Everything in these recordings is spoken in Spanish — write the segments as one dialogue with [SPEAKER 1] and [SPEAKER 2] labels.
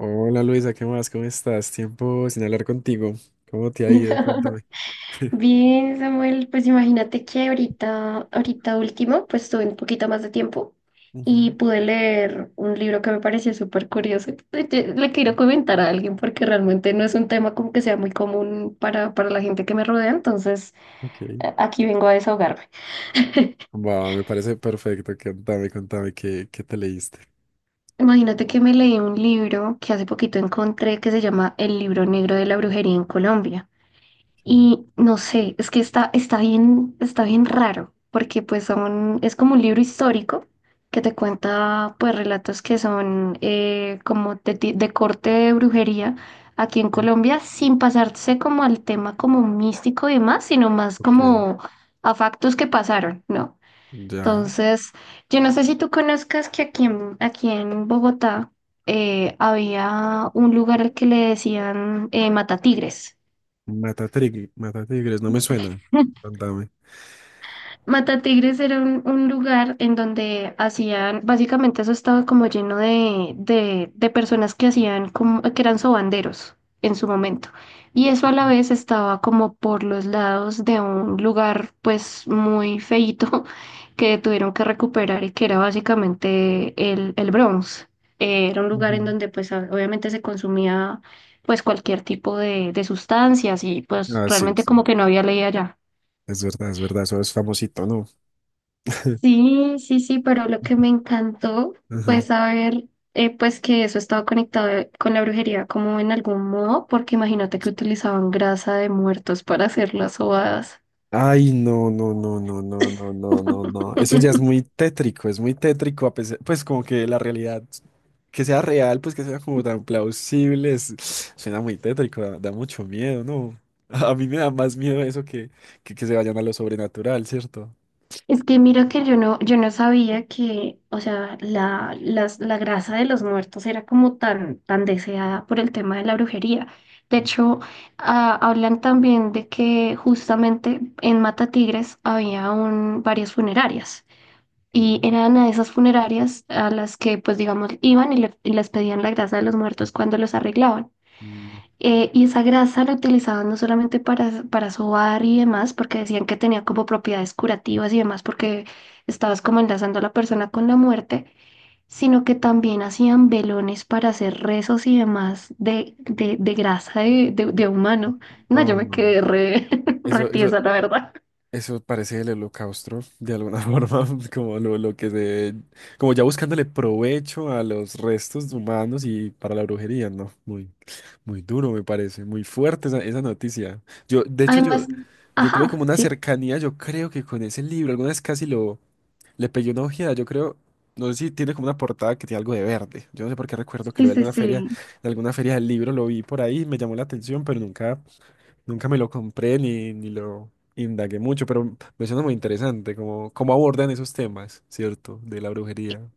[SPEAKER 1] Hola Luisa, ¿qué más? ¿Cómo estás? Tiempo sin hablar contigo. ¿Cómo te ha ido? Cuéntame.
[SPEAKER 2] Bien, Samuel, pues imagínate que ahorita último, pues tuve un poquito más de tiempo
[SPEAKER 1] Ujú.
[SPEAKER 2] y pude leer un libro que me pareció súper curioso. Le quiero comentar a alguien porque realmente no es un tema como que sea muy común para la gente que me rodea, entonces
[SPEAKER 1] Ok.
[SPEAKER 2] aquí vengo a desahogarme.
[SPEAKER 1] Va, me parece perfecto. Contame, contame, ¿qué te leíste?
[SPEAKER 2] Imagínate que me leí un libro que hace poquito encontré que se llama El libro negro de la brujería en Colombia.
[SPEAKER 1] Ok.
[SPEAKER 2] Y no sé, es que está bien raro, porque pues son, es como un libro histórico que te cuenta pues relatos que son como de, de corte de brujería aquí en
[SPEAKER 1] Sí.
[SPEAKER 2] Colombia, sin pasarse como al tema como místico y demás, sino más
[SPEAKER 1] Ok.
[SPEAKER 2] como a factos que pasaron, ¿no?
[SPEAKER 1] Ya.
[SPEAKER 2] Entonces, yo no sé si tú conozcas que aquí en Bogotá había un lugar al que le decían Matatigres.
[SPEAKER 1] Matatigres, no me suena. Contame.
[SPEAKER 2] Matatigres era un lugar en donde hacían, básicamente eso estaba como lleno de personas que hacían, como, que eran sobanderos en su momento. Y eso a la vez estaba como por los lados de un lugar pues muy feíto que tuvieron que recuperar y que era básicamente el Bronx. Era un lugar en
[SPEAKER 1] Ujú.
[SPEAKER 2] donde pues obviamente se consumía pues cualquier tipo de sustancias y pues
[SPEAKER 1] Ah, sí,
[SPEAKER 2] realmente
[SPEAKER 1] sí.
[SPEAKER 2] como que no había ley allá.
[SPEAKER 1] Es verdad, es verdad. Eso es famosito, ¿no?
[SPEAKER 2] Sí, sí, sí, pero lo que me encantó
[SPEAKER 1] Ajá.
[SPEAKER 2] fue saber pues que eso estaba conectado con la brujería como en algún modo, porque imagínate que utilizaban grasa de muertos para hacer las sobadas.
[SPEAKER 1] Ay, no, no, no, no, no, no, no, no, no. Eso ya es muy tétrico, a pesar, pues como que la realidad, que sea real, pues que sea como tan plausible, suena muy tétrico, da, da mucho miedo, ¿no? A mí me da más miedo eso que se vayan a lo sobrenatural, ¿cierto?
[SPEAKER 2] Es que mira que yo no sabía que, o sea, la grasa de los muertos era como tan, tan deseada por el tema de la brujería. De hecho, hablan también de que justamente en Matatigres había varias funerarias. Y
[SPEAKER 1] Ok.
[SPEAKER 2] eran a esas funerarias a las que, pues digamos, iban y, les pedían la grasa de los muertos cuando los arreglaban. Y esa grasa la utilizaban no solamente para sobar y demás, porque decían que tenía como propiedades curativas y demás, porque estabas como enlazando a la persona con la muerte, sino que también hacían velones para hacer rezos y demás de grasa de humano. No, yo
[SPEAKER 1] No,
[SPEAKER 2] me
[SPEAKER 1] no, no.
[SPEAKER 2] quedé re, re
[SPEAKER 1] Eso, eso,
[SPEAKER 2] tiesa, la verdad.
[SPEAKER 1] eso parece el holocausto, de alguna forma, como lo que se, como ya buscándole provecho a los restos humanos y para la brujería, ¿no? Muy. Muy duro, me parece, muy fuerte esa, esa noticia. Yo, de hecho, yo,
[SPEAKER 2] Además,
[SPEAKER 1] yo tuve como
[SPEAKER 2] ajá,
[SPEAKER 1] una
[SPEAKER 2] sí,
[SPEAKER 1] cercanía, yo creo que con ese libro, alguna vez casi lo, le pegué una ojeada, yo creo, no sé si tiene como una portada que tiene algo de verde. Yo no sé por qué recuerdo que
[SPEAKER 2] sí,
[SPEAKER 1] lo vi
[SPEAKER 2] sí, sí.
[SPEAKER 1] en alguna feria del libro, lo vi por ahí, me llamó la atención, pero nunca, nunca me lo compré ni lo indagué mucho, pero me suena muy interesante, como, cómo abordan esos temas, ¿cierto? De la brujería.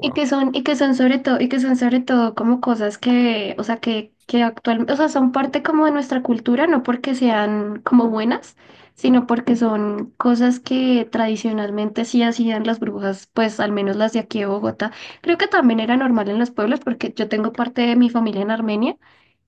[SPEAKER 2] Y que son sobre todo, y que son sobre todo como cosas que, o sea, que actualmente, o sea, son parte como de nuestra cultura, no porque sean como buenas, sino porque son cosas que tradicionalmente sí hacían las brujas, pues al menos las de aquí de Bogotá. Creo que también era normal en los pueblos, porque yo tengo parte de mi familia en Armenia.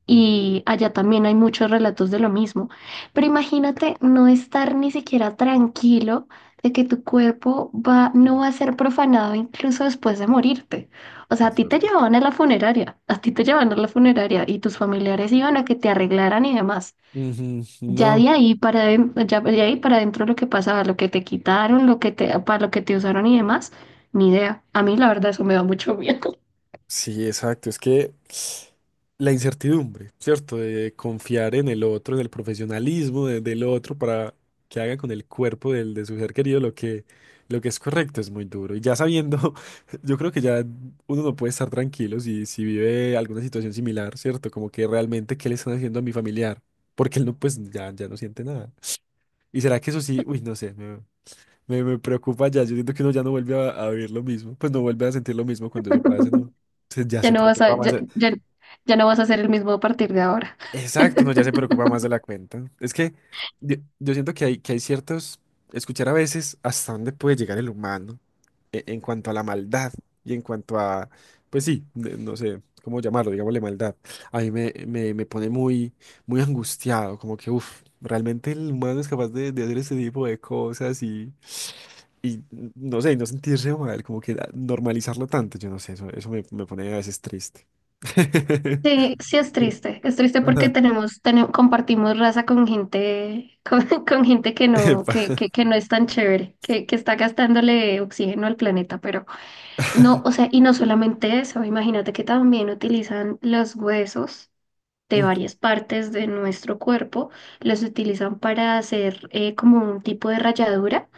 [SPEAKER 2] Y allá también hay muchos relatos de lo mismo. Pero imagínate no estar ni siquiera tranquilo de que tu cuerpo va, no va a ser profanado incluso después de morirte. O sea, a
[SPEAKER 1] Es
[SPEAKER 2] ti te
[SPEAKER 1] verdad.
[SPEAKER 2] llevaban a la funeraria, a ti te llevaban a la funeraria y tus familiares iban a que te arreglaran y demás.
[SPEAKER 1] Ujú. No.
[SPEAKER 2] Ya de ahí para adentro lo que pasaba, lo que te quitaron, para lo que te usaron y demás, ni idea. A mí la verdad eso me da mucho miedo.
[SPEAKER 1] Sí, exacto. Es que la incertidumbre, ¿cierto? De confiar en el otro, en el profesionalismo del otro para que haga con el cuerpo del, de su ser querido lo que es correcto es muy duro. Y ya sabiendo, yo creo que ya uno no puede estar tranquilo si, si vive alguna situación similar, ¿cierto? Como que realmente, ¿qué le están haciendo a mi familiar? Porque él no, pues ya, ya no siente nada. ¿Y será que eso sí? Uy, no sé. Me preocupa ya. Yo siento que uno ya no vuelve a vivir lo mismo. Pues no vuelve a sentir lo mismo cuando eso pasa, ¿no? Ya
[SPEAKER 2] Ya
[SPEAKER 1] se
[SPEAKER 2] no vas a,
[SPEAKER 1] preocupa más
[SPEAKER 2] ya
[SPEAKER 1] de...
[SPEAKER 2] ya- ya no vas a ser el mismo a partir de ahora.
[SPEAKER 1] Exacto, no, ya se preocupa más de la cuenta. Es que yo siento que hay ciertos... Escuchar a veces hasta dónde puede llegar el humano en cuanto a la maldad y en cuanto a... Pues sí, no sé cómo llamarlo, digámosle maldad. A mí me, me, me pone muy, muy angustiado, como que, uff, realmente el humano es capaz de hacer ese tipo de cosas. Y no sé, y no sentirse mal, como que ah, normalizarlo tanto, yo no sé, eso me, me pone a veces triste.
[SPEAKER 2] Sí, sí
[SPEAKER 1] Pero-
[SPEAKER 2] es triste porque
[SPEAKER 1] Ajá.
[SPEAKER 2] compartimos raza con gente, con, con gente
[SPEAKER 1] Epa.
[SPEAKER 2] que no es tan chévere, que está gastándole oxígeno al planeta, pero no, o sea, y no solamente eso, imagínate que también utilizan los huesos de
[SPEAKER 1] Mm,
[SPEAKER 2] varias partes de nuestro cuerpo, los utilizan para hacer como un tipo de ralladura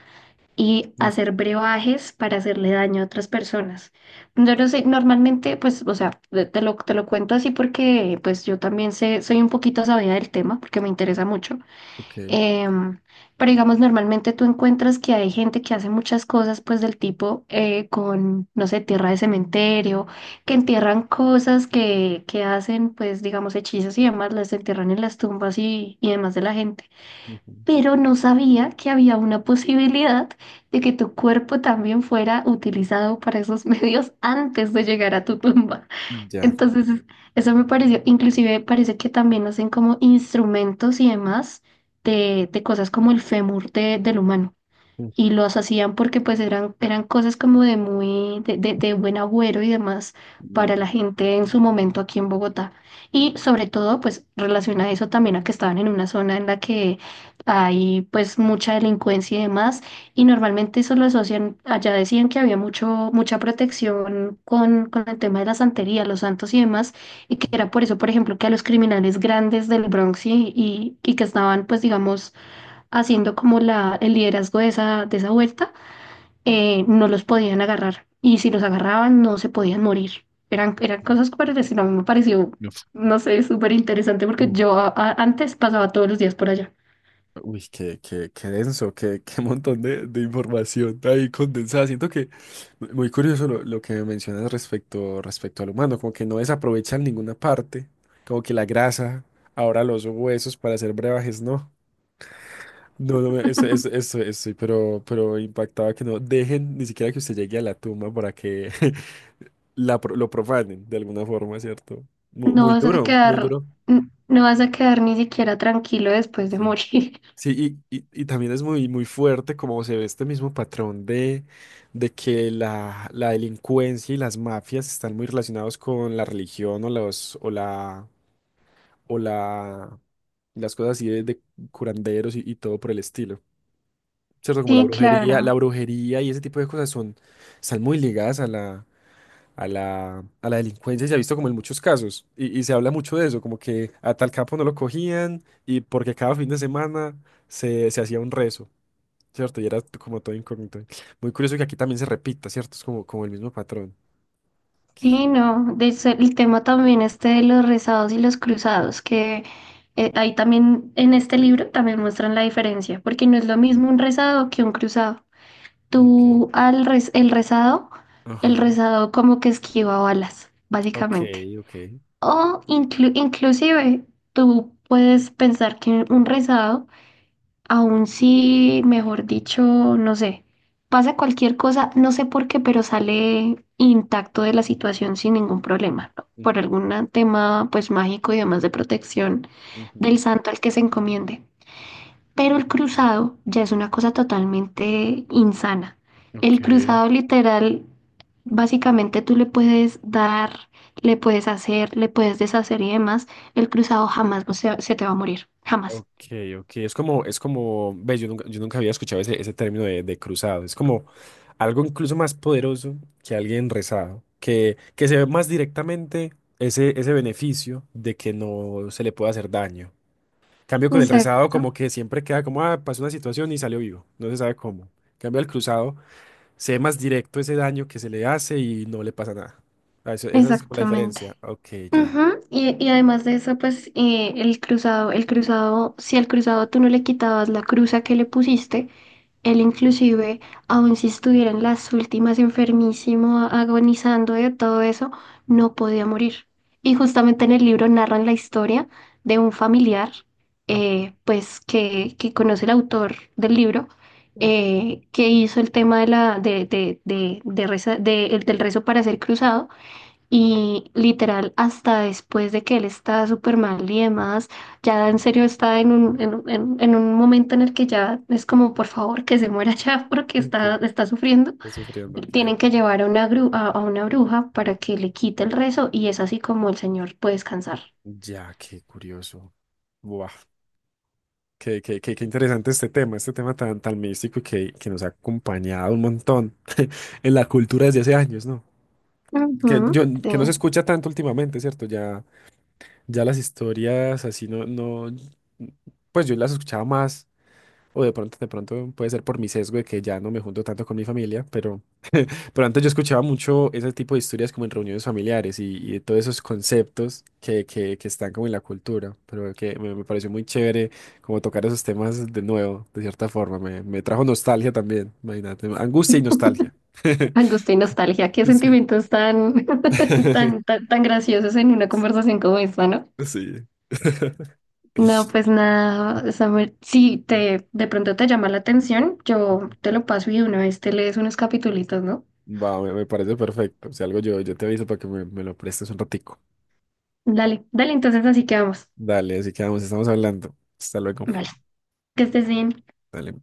[SPEAKER 2] y
[SPEAKER 1] mm,
[SPEAKER 2] hacer brebajes para hacerle daño a otras personas. Yo no sé, normalmente, pues, o sea, te lo cuento así porque, pues, yo también sé, soy un poquito sabida del tema porque me interesa mucho.
[SPEAKER 1] ok.
[SPEAKER 2] Em, pero digamos, normalmente tú encuentras que hay gente que hace muchas cosas, pues, del tipo con, no sé, tierra de cementerio, que entierran cosas que hacen, pues, digamos, hechizos y demás, las entierran en las tumbas y demás de la gente
[SPEAKER 1] Ujú.
[SPEAKER 2] pero no sabía que había una posibilidad de que tu cuerpo también fuera utilizado para esos medios antes de llegar a tu tumba.
[SPEAKER 1] Ya.
[SPEAKER 2] Entonces, es- eso me pareció, inclusive parece que también hacen como instrumentos y demás de cosas como el fémur del humano
[SPEAKER 1] Mm.
[SPEAKER 2] y los hacían porque pues eran, eran cosas como de muy, de, de buen agüero y demás para la
[SPEAKER 1] No.
[SPEAKER 2] gente en su momento aquí en Bogotá. Y sobre todo pues relaciona eso también a que estaban en una zona en la que hay pues mucha delincuencia y demás, y normalmente eso lo asocian, allá decían que había mucho, mucha protección con el tema de la santería, los santos y demás, y que era por eso, por ejemplo, que a los criminales grandes del Bronx y que estaban pues digamos haciendo como la, el liderazgo de esa vuelta, no los podían agarrar. Y si los agarraban, no se podían morir. Eran, eran cosas que parecían, a mí me pareció,
[SPEAKER 1] No.
[SPEAKER 2] no sé, súper interesante porque
[SPEAKER 1] Mm.
[SPEAKER 2] yo antes pasaba todos los días por allá.
[SPEAKER 1] Uy, qué, qué, qué denso, qué, qué montón de información ahí condensada. Siento que muy curioso lo que mencionas respecto, respecto al humano, como que no desaprovechan ninguna parte, como que la grasa, ahora los huesos para hacer brebajes, ¿no? No, no, eso, estoy, pero impactaba que no dejen ni siquiera que usted llegue a la tumba para que la, lo profanen de alguna forma, ¿cierto?
[SPEAKER 2] No
[SPEAKER 1] Muy
[SPEAKER 2] vas a
[SPEAKER 1] duro, muy
[SPEAKER 2] quedar,
[SPEAKER 1] duro.
[SPEAKER 2] n- no vas a quedar ni siquiera tranquilo después de
[SPEAKER 1] Sí.
[SPEAKER 2] morir.
[SPEAKER 1] Sí, y también es muy, muy fuerte como se ve este mismo patrón de que la delincuencia y las mafias están muy relacionados con la religión o los, o la, las cosas así de curanderos y todo por el estilo. ¿Cierto? Como
[SPEAKER 2] Sí,
[SPEAKER 1] la
[SPEAKER 2] claro.
[SPEAKER 1] brujería y ese tipo de cosas son, están muy ligadas a la, a la, a la delincuencia, y se ha visto como en muchos casos, y se habla mucho de eso, como que a tal capo no lo cogían, y porque cada fin de semana se, se hacía un rezo, ¿cierto? Y era como todo incógnito. Muy curioso que aquí también se repita, ¿cierto? Es como, como el mismo patrón.
[SPEAKER 2] Sí, no, de eso el tema también este de los rezados y los cruzados, que ahí también en este libro también muestran la diferencia, porque no es lo
[SPEAKER 1] Mm.
[SPEAKER 2] mismo un rezado que un cruzado.
[SPEAKER 1] Ok.
[SPEAKER 2] El rezado, el
[SPEAKER 1] Ajá.
[SPEAKER 2] rezado como que esquiva balas,
[SPEAKER 1] Ok,
[SPEAKER 2] básicamente.
[SPEAKER 1] ok.
[SPEAKER 2] O inclusive tú puedes pensar que un rezado aún si, mejor dicho, no sé, pasa cualquier cosa, no sé por qué, pero sale intacto de la situación sin ningún problema, ¿no? Por
[SPEAKER 1] Ujú,
[SPEAKER 2] algún tema pues mágico y demás de protección
[SPEAKER 1] ujú,
[SPEAKER 2] del santo al que se encomiende. Pero el
[SPEAKER 1] ok.
[SPEAKER 2] cruzado ya es una cosa totalmente insana. El
[SPEAKER 1] Ok.
[SPEAKER 2] cruzado literal, básicamente tú le puedes dar, le puedes hacer, le puedes deshacer y demás. El cruzado jamás o sea, se te va a morir, jamás.
[SPEAKER 1] Ok, ok. Es como, ves, yo nunca había escuchado ese, ese término de cruzado. Es como algo incluso más poderoso que alguien rezado, que se ve más directamente ese, ese beneficio de que no se le puede hacer daño. Cambio con el rezado,
[SPEAKER 2] Exacto.
[SPEAKER 1] como que siempre queda como, ah, pasó una situación y salió vivo, no se sabe cómo. Cambio al cruzado, se ve más directo ese daño que se le hace y no le pasa nada. Ah, esa es como la
[SPEAKER 2] Exactamente.
[SPEAKER 1] diferencia. Ok, ya.
[SPEAKER 2] Ujú, y además de eso, pues el cruzado, si al cruzado tú no le quitabas la cruza que le pusiste, él inclusive, aun si estuviera en las últimas enfermísimo, agonizando de todo eso, no podía morir. Y justamente en el libro narran la historia de un familiar, pues que conoce el autor del libro, que hizo el tema de la, de del rezo para ser cruzado y literal, hasta después de que él está súper mal y demás, ya en serio está en un, en, en un momento en el que ya es como, por favor, que se muera ya porque
[SPEAKER 1] Ok.
[SPEAKER 2] está, está sufriendo.
[SPEAKER 1] Está sufriendo, ok.
[SPEAKER 2] Tienen que llevar a una, a una bruja para que le quite el rezo y es así como el señor puede descansar.
[SPEAKER 1] Ya, qué curioso. Buah, qué, qué interesante este tema tan, tan místico y que nos ha acompañado un montón en la cultura desde hace años, ¿no? Que, yo,
[SPEAKER 2] Ujú, sí.
[SPEAKER 1] que no se escucha tanto últimamente, ¿cierto? Ya, ya las historias así no, no, pues yo las escuchaba más, o de pronto puede ser por mi sesgo de que ya no me junto tanto con mi familia, pero... Pero antes yo escuchaba mucho ese tipo de historias como en reuniones familiares y de todos esos conceptos que están como en la cultura, pero que me pareció muy chévere como tocar esos temas de nuevo, de cierta forma. Me trajo nostalgia también, imagínate, angustia y nostalgia.
[SPEAKER 2] Angustia y nostalgia, qué
[SPEAKER 1] Sí.
[SPEAKER 2] sentimientos tan, tan, tan, tan graciosos en una conversación como esta, ¿no?
[SPEAKER 1] Sí.
[SPEAKER 2] No, pues nada, Samuel, si te, de pronto te llama la atención, yo te lo paso y de una vez te lees unos capitulitos, ¿no?
[SPEAKER 1] Va, me parece perfecto. Si algo yo, yo te aviso para que me lo prestes un ratico.
[SPEAKER 2] Dale, dale, entonces así que vamos.
[SPEAKER 1] Dale, así que vamos estamos hablando. Hasta luego.
[SPEAKER 2] Vale, que estés bien.
[SPEAKER 1] Dale.